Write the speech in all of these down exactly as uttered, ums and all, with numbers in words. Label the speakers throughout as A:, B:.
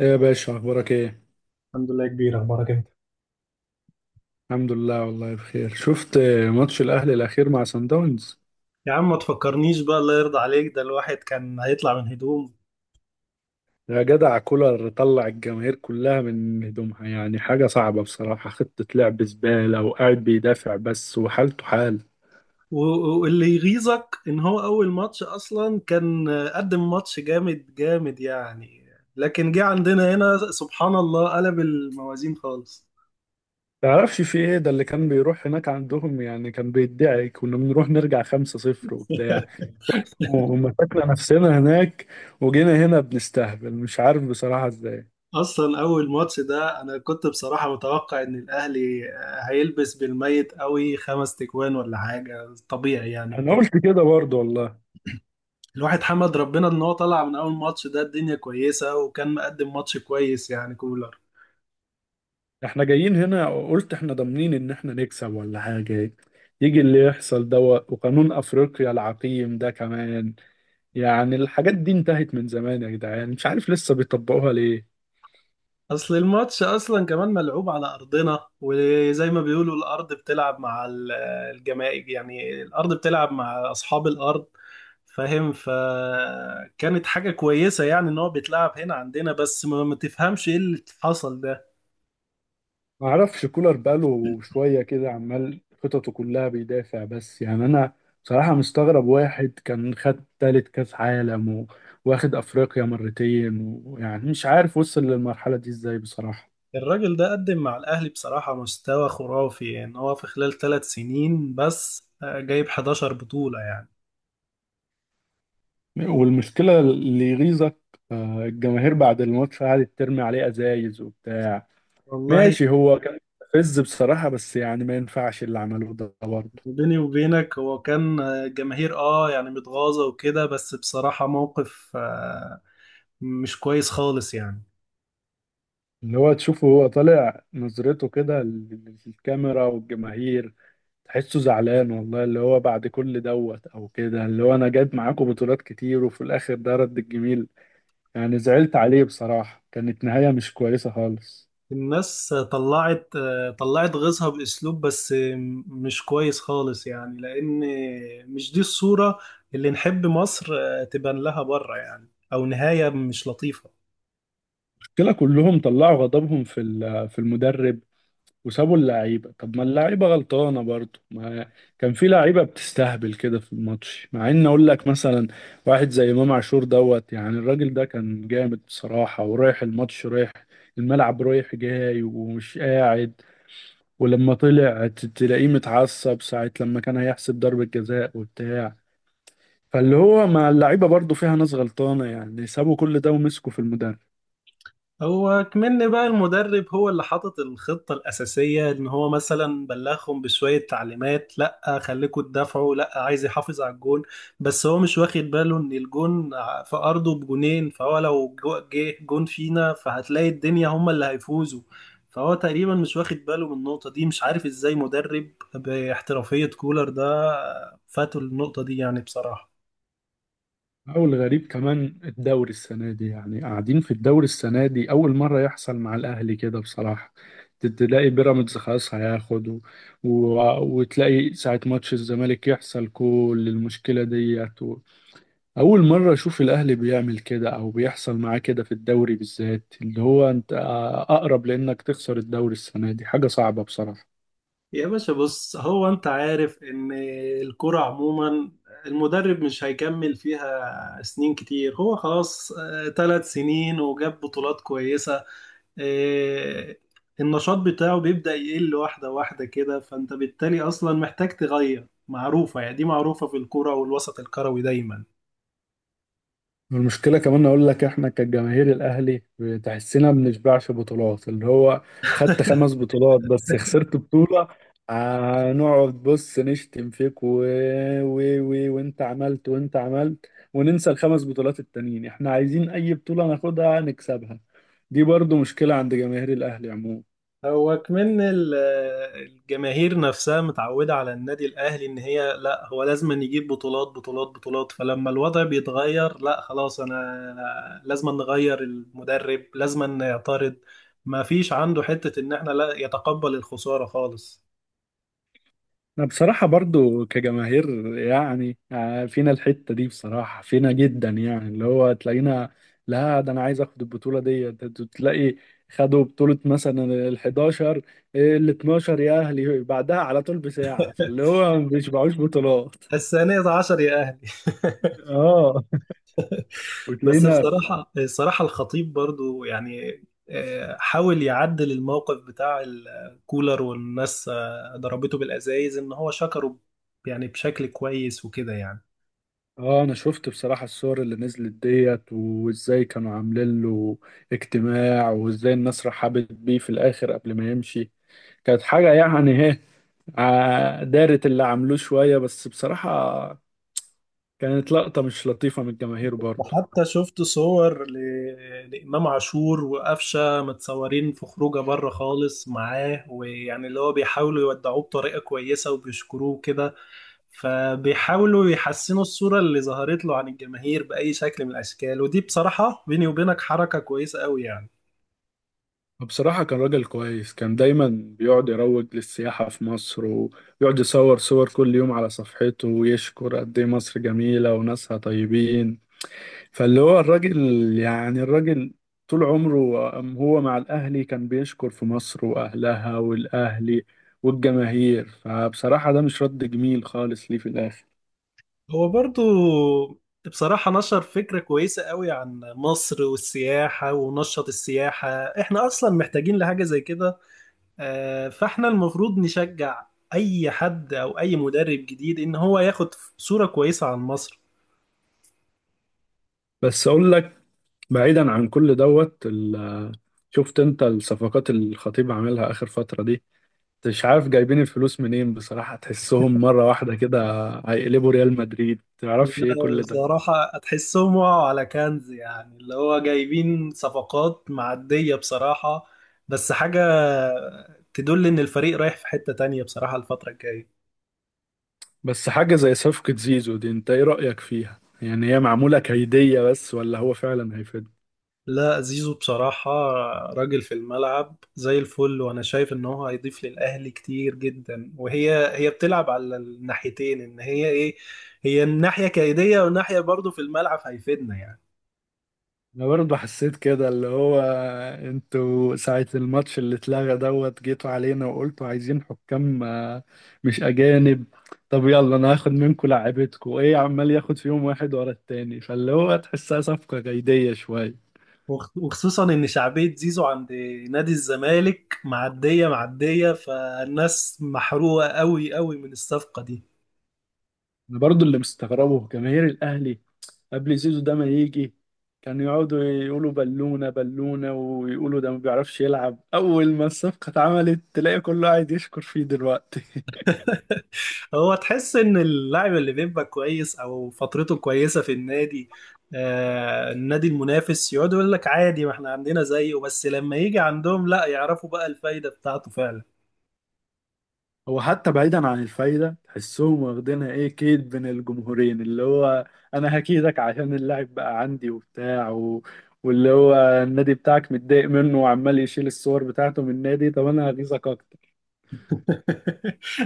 A: ايه يا باشا، اخبارك ايه؟
B: الحمد لله كبير، اخبارك انت؟
A: الحمد لله والله بخير. شفت ماتش الاهلي الاخير مع سان داونز؟
B: يا عم ما تفكرنيش بقى، الله يرضى عليك، ده الواحد كان هيطلع من هدوم.
A: يا جدع، كولر طلع الجماهير كلها من هدومها، يعني حاجه صعبه بصراحه. خطه لعب زباله وقاعد بيدافع بس، وحالته حال.
B: و- واللي يغيظك ان هو اول ماتش اصلا كان قدم ماتش جامد جامد يعني، لكن جه عندنا هنا سبحان الله قلب الموازين خالص.
A: تعرفش في ايه ده؟ اللي كان بيروح هناك عندهم يعني كان بيدعي، كنا بنروح نرجع خمسة صفر وبتاع. ومسكنا نفسنا هناك، وجينا هنا بنستهبل مش عارف بصراحه ازاي.
B: اصلا اول ماتش ده انا كنت بصراحة متوقع ان الاهلي هيلبس بالميت قوي، خمس تكوان ولا حاجة، طبيعي يعني.
A: انا قلت كده برضه والله.
B: الواحد حمد ربنا ان هو طلع من اول ماتش ده الدنيا كويسة، وكان مقدم ماتش كويس يعني كولر.
A: احنا جايين هنا قلت احنا ضامنين ان احنا نكسب ولا حاجة، يجي اللي يحصل ده، وقانون افريقيا العقيم ده كمان. يعني الحاجات دي انتهت من زمان يا جدعان، مش عارف لسه بيطبقوها ليه.
B: اصل الماتش اصلا كمان ملعوب على ارضنا، وزي ما بيقولوا الارض بتلعب مع ال- الجماهير، يعني الارض بتلعب مع اصحاب الارض، فاهم؟ فكانت حاجة كويسة يعني ان هو بيتلعب هنا عندنا، بس ما ما تفهمش ايه اللي حصل ده.
A: معرفش كولر بقاله شوية كده عمال خططه كلها بيدافع بس، يعني انا بصراحة مستغرب. واحد كان خد تالت كاس عالم و- واخد افريقيا مرتين، ويعني مش عارف وصل للمرحلة دي ازاي بصراحة.
B: الراجل ده قدم مع الاهلي بصراحة مستوى خرافي، يعني هو في خلال ثلاث سنين بس آه، جايب حداشر بطولة يعني.
A: والمشكلة اللي يغيظك، آه، الجماهير بعد الماتش قعدت ترمي عليه أزايز وبتاع.
B: والله
A: ماشي هو كان فز بصراحة، بس يعني ما ينفعش اللي عمله ده برضه.
B: بيني وبينك هو كان جماهير اه يعني متغاظة وكده، بس بصراحة موقف آه، مش كويس خالص يعني.
A: اللي هو تشوفه هو طالع نظرته كده لل- للكاميرا والجماهير، تحسه زعلان والله. اللي هو بعد كل دوت أو كده، اللي هو أنا جايب معاكم بطولات كتير وفي الآخر ده رد الجميل. يعني زعلت عليه بصراحة، كانت نهاية مش كويسة خالص.
B: الناس طلعت، آه، طلعت غيظها بأسلوب بس مش كويس خالص يعني، لأن مش دي الصورة اللي نحب مصر آه، تبان لها بره، يعني أو نهاية مش لطيفة.
A: المشكلة كلهم طلعوا غضبهم في ال- في المدرب وسابوا اللعيبة. طب ما اللعيبة غلطانة برضو، ما كان في لعيبة بتستهبل كده في الماتش، مع ان اقول لك مثلا واحد زي امام عاشور دوت، يعني الراجل ده كان جامد بصراحة، ورايح الماتش رايح الملعب رايح جاي ومش قاعد. ولما طلع ت- تلاقيه متعصب ساعة لما كان هيحسب ضربة جزاء وبتاع. فاللي هو مع اللعيبة برضو فيها ناس غلطانة، يعني سابوا كل ده ومسكوا في المدرب.
B: هو كمان بقى المدرب هو اللي حاطط الخطة الأساسية، إن هو مثلا بلغهم بشوية تعليمات، لأ خليكوا تدافعوا، لأ عايز يحافظ على الجون. بس هو مش واخد باله إن الجون ع- في أرضه بجونين، فهو لو جو- جه جون فينا، فهتلاقي الدنيا هما اللي هيفوزوا. فهو تقريبا مش واخد باله من النقطة دي، مش عارف إزاي مدرب باحترافية كولر ده فاتوا النقطة دي يعني بصراحة.
A: أو الغريب كمان الدوري السنة دي، يعني قاعدين في الدوري السنة دي أول مرة يحصل مع الأهلي كده بصراحة. ت- تلاقي بيراميدز خلاص هياخد و... و... وتلاقي ساعة ماتش الزمالك يحصل كل المشكلة ديت و... أول مرة أشوف الأهلي بيعمل كده أو بيحصل معاه كده في الدوري بالذات، اللي هو أنت أقرب لأنك تخسر الدوري السنة دي، حاجة صعبة بصراحة.
B: يا باشا بص، هو انت عارف ان الكرة عموما المدرب مش هيكمل فيها سنين كتير، هو خلاص ثلاث سنين وجاب بطولات كويسة. آه، النشاط بتاعه بيبدأ يقل واحدة واحدة كده، فانت بالتالي اصلا محتاج تغير، معروفة يعني، دي معروفة في الكرة والوسط الكروي دايما.
A: والمشكلة كمان أقول لك، إحنا كجماهير الأهلي تحسنا ما بنشبعش بطولات. اللي هو خدت خمس بطولات بس خسرت بطولة، هنقعد بص نشتم فيك و... و... و... وأنت عملت وأنت عملت، وننسى الخمس بطولات التانيين. إحنا عايزين أي بطولة ناخدها نكسبها. دي برضو مشكلة عند جماهير الأهلي عموما.
B: هو كمان ال- الجماهير نفسها متعودة على النادي الأهلي إن هي، لا هو لازم أن يجيب بطولات بطولات بطولات، فلما الوضع بيتغير، لا خلاص أنا لازم أن نغير المدرب، لازم أن يعترض. ما فيش عنده حتة إن إحنا لا يتقبل الخسارة خالص.
A: أنا بصراحة برضو كجماهير يعني آه، فينا الحتة دي بصراحة، فينا جدا، يعني اللي هو تلاقينا، لا ده أنا عايز أخد البطولة دي. ت- ت- تلاقي خدوا بطولة مثلا ال حداشر، ال اتناشر يا أهلي بعدها على طول بساعة. فاللي هو ما بيشبعوش بطولات.
B: الثانية عشر يا أهلي!
A: اه،
B: بس
A: وتلاقينا.
B: بصراحة الصراحة الخطيب برضو يعني آه، حاول يعدل الموقف بتاع الكولر، والناس آه، ضربته بالأزايز، إن هو شكره يعني بشكل كويس وكده يعني.
A: اه انا شفت بصراحة الصور اللي نزلت ديت، وازاي كانوا عاملين له اجتماع، وازاي الناس رحبت بيه في الاخر قبل ما يمشي. كانت حاجة يعني ع- دارت اللي عملوه شوية، بس بصراحة كانت لقطة مش لطيفة من الجماهير برضه.
B: وحتى شفت صور ل... لإمام عاشور وقفشة متصورين في خروجه بره خالص معاه، ويعني اللي هو بيحاولوا يودعوه بطريقة كويسة وبيشكروه كده، فبيحاولوا يحسنوا الصورة اللي ظهرت له عن الجماهير بأي شكل من الأشكال، ودي بصراحة بيني وبينك حركة كويسة قوي يعني.
A: بصراحة كان راجل كويس، كان دايما بيقعد يروج للسياحة في مصر، ويقعد يصور صور كل يوم على صفحته، ويشكر قد إيه مصر جميلة وناسها طيبين. فاللي هو الراجل، يعني الراجل طول عمره هو مع الأهلي كان بيشكر في مصر وأهلها والأهلي والجماهير. فبصراحة ده مش رد جميل خالص ليه في الآخر.
B: هو برضو بصراحة نشر فكرة كويسة قوي عن مصر والسياحة، ونشط السياحة، احنا أصلا محتاجين لحاجة زي كده. آه، فاحنا المفروض نشجع أي حد أو أي مدرب جديد إن هو ياخد صورة كويسة عن مصر.
A: بس أقول لك، بعيدا عن كل دوت ال- شفت انت الصفقات اللي الخطيب عاملها اخر فترة دي؟ مش عارف جايبين الفلوس منين بصراحة، تحسهم مرة واحدة كده هيقلبوا ريال مدريد تعرفش ايه
B: لا،
A: كل ده.
B: بصراحة هتحسهم وقعوا على كنز، يعني اللي هو جايبين صفقات معدية بصراحة، بس حاجة تدل إن الفريق رايح في حتة تانية بصراحة الفترة الجاية.
A: بس حاجة زي صفقة زيزو دي، انت ايه رأيك فيها؟ يعني هي معمولة كيدية بس، ولا هو فعلا هيفيد.
B: لا زيزو بصراحة راجل في الملعب زي الفل، وأنا شايف إن هو هيضيف للأهلي كتير جدا، وهي هي بتلعب على الناحيتين، إن هي إيه، هي الناحية كيدية، والناحية برضو في الملعب هيفيدنا يعني.
A: انا برضه حسيت كده، اللي هو انتوا ساعة الماتش اللي اتلغى دوت جيتوا علينا وقلتوا عايزين حكام، آه، مش اجانب. طب يلا انا هاخد منكم لعيبتكم، ايه عمال ياخد فيهم واحد ورا التاني؟ فاللي هو تحسها صفقة جيدية شوية.
B: وخ- وخصوصا ان شعبية زيزو عند نادي الزمالك معدية معدية، فالناس محروقة قوي قوي من الصفقة دي.
A: انا برضه اللي مستغربه جماهير الاهلي قبل زيزو ده ما يجي، كانوا يقعدوا يقولوا بالونة بالونة، ويقولوا ده ما بيعرفش يلعب. اول ما الصفقة اتعملت تلاقي كله قاعد يشكر فيه دلوقتي.
B: هو تحس ان اللاعب اللي بيبقى كويس او فترته كويسة في النادي، آه النادي المنافس يقعد يقول لك عادي ما احنا عندنا زيه، بس لما يجي عندهم، لا يعرفوا بقى الفايدة بتاعته فعلا.
A: هو حتى بعيدا عن الفايدة تحسهم واخدينها ايه كيد بين الجمهورين، اللي هو انا هكيدك عشان اللاعب بقى عندي وبتاع و... واللي هو النادي بتاعك متضايق منه وعمال يشيل الصور بتاعته من النادي. طب انا هغيظك اكتر.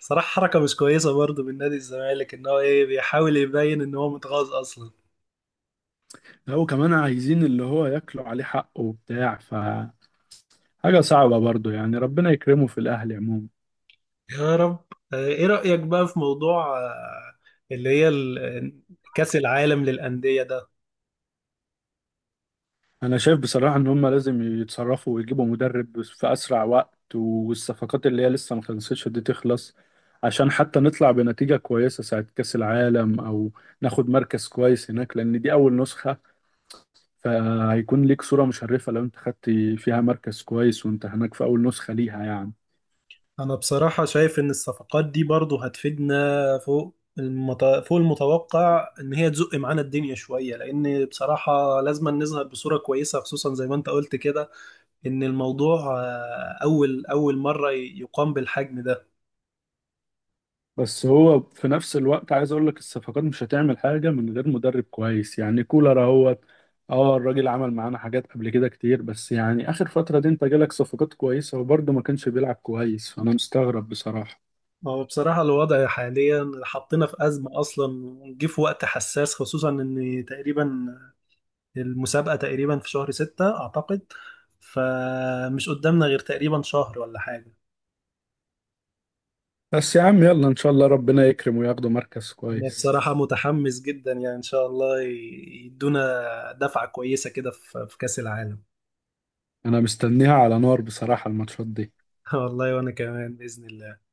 B: صراحة حركة مش كويسة برضو من نادي الزمالك، ان هو ايه بيحاول يبين ان هو متغاظ اصلا.
A: لا وكمان عايزين اللي هو ياكلوا عليه حقه وبتاع، فحاجة صعبة برضو يعني. ربنا يكرمه في الاهلي عموما.
B: يا رب. آه، ايه رأيك بقى في موضوع آه، اللي هي ال- آه، كأس العالم للأندية ده؟
A: انا شايف بصراحه ان هم لازم يتصرفوا ويجيبوا مدرب في اسرع وقت، والصفقات اللي هي لسه ما خلصتش دي تخلص، عشان حتى نطلع بنتيجه كويسه ساعه كاس العالم، او ناخد مركز كويس هناك، لان دي اول نسخه. فهيكون ليك صوره مشرفه لو انت خدت فيها مركز كويس، وانت هناك في اول نسخه ليها يعني.
B: انا بصراحة شايف ان الصفقات دي برضو هتفيدنا فوق المت... فوق المتوقع، ان هي تزق معانا الدنيا شوية، لان بصراحة لازم نظهر بصورة كويسة، خصوصا زي ما انت قلت كده، ان الموضوع آه، اول اول مرة ي- يقام بالحجم ده.
A: بس هو في نفس الوقت عايز اقول لك الصفقات مش هتعمل حاجه من غير مدرب كويس، يعني كولر اهوت. اه الراجل عمل معانا حاجات قبل كده كتير، بس يعني اخر فتره دي انت جالك صفقات كويسه وبرضه ما كانش بيلعب كويس، فانا مستغرب بصراحه.
B: هو بصراحة الوضع حاليا حطينا في أزمة أصلا، وجه في وقت حساس، خصوصا إن تقريبا المسابقة تقريبا في شهر ستة أعتقد، فمش قدامنا غير تقريبا شهر ولا حاجة.
A: بس يا عم يلا ان شاء الله ربنا يكرم وياخدوا مركز
B: أنا
A: كويس.
B: بصراحة متحمس جدا يعني، إن شاء الله ي- يدونا دفعة كويسة كده في في كأس العالم.
A: انا مستنيها على نار بصراحه الماتشات دي.
B: والله وأنا كمان بإذن الله.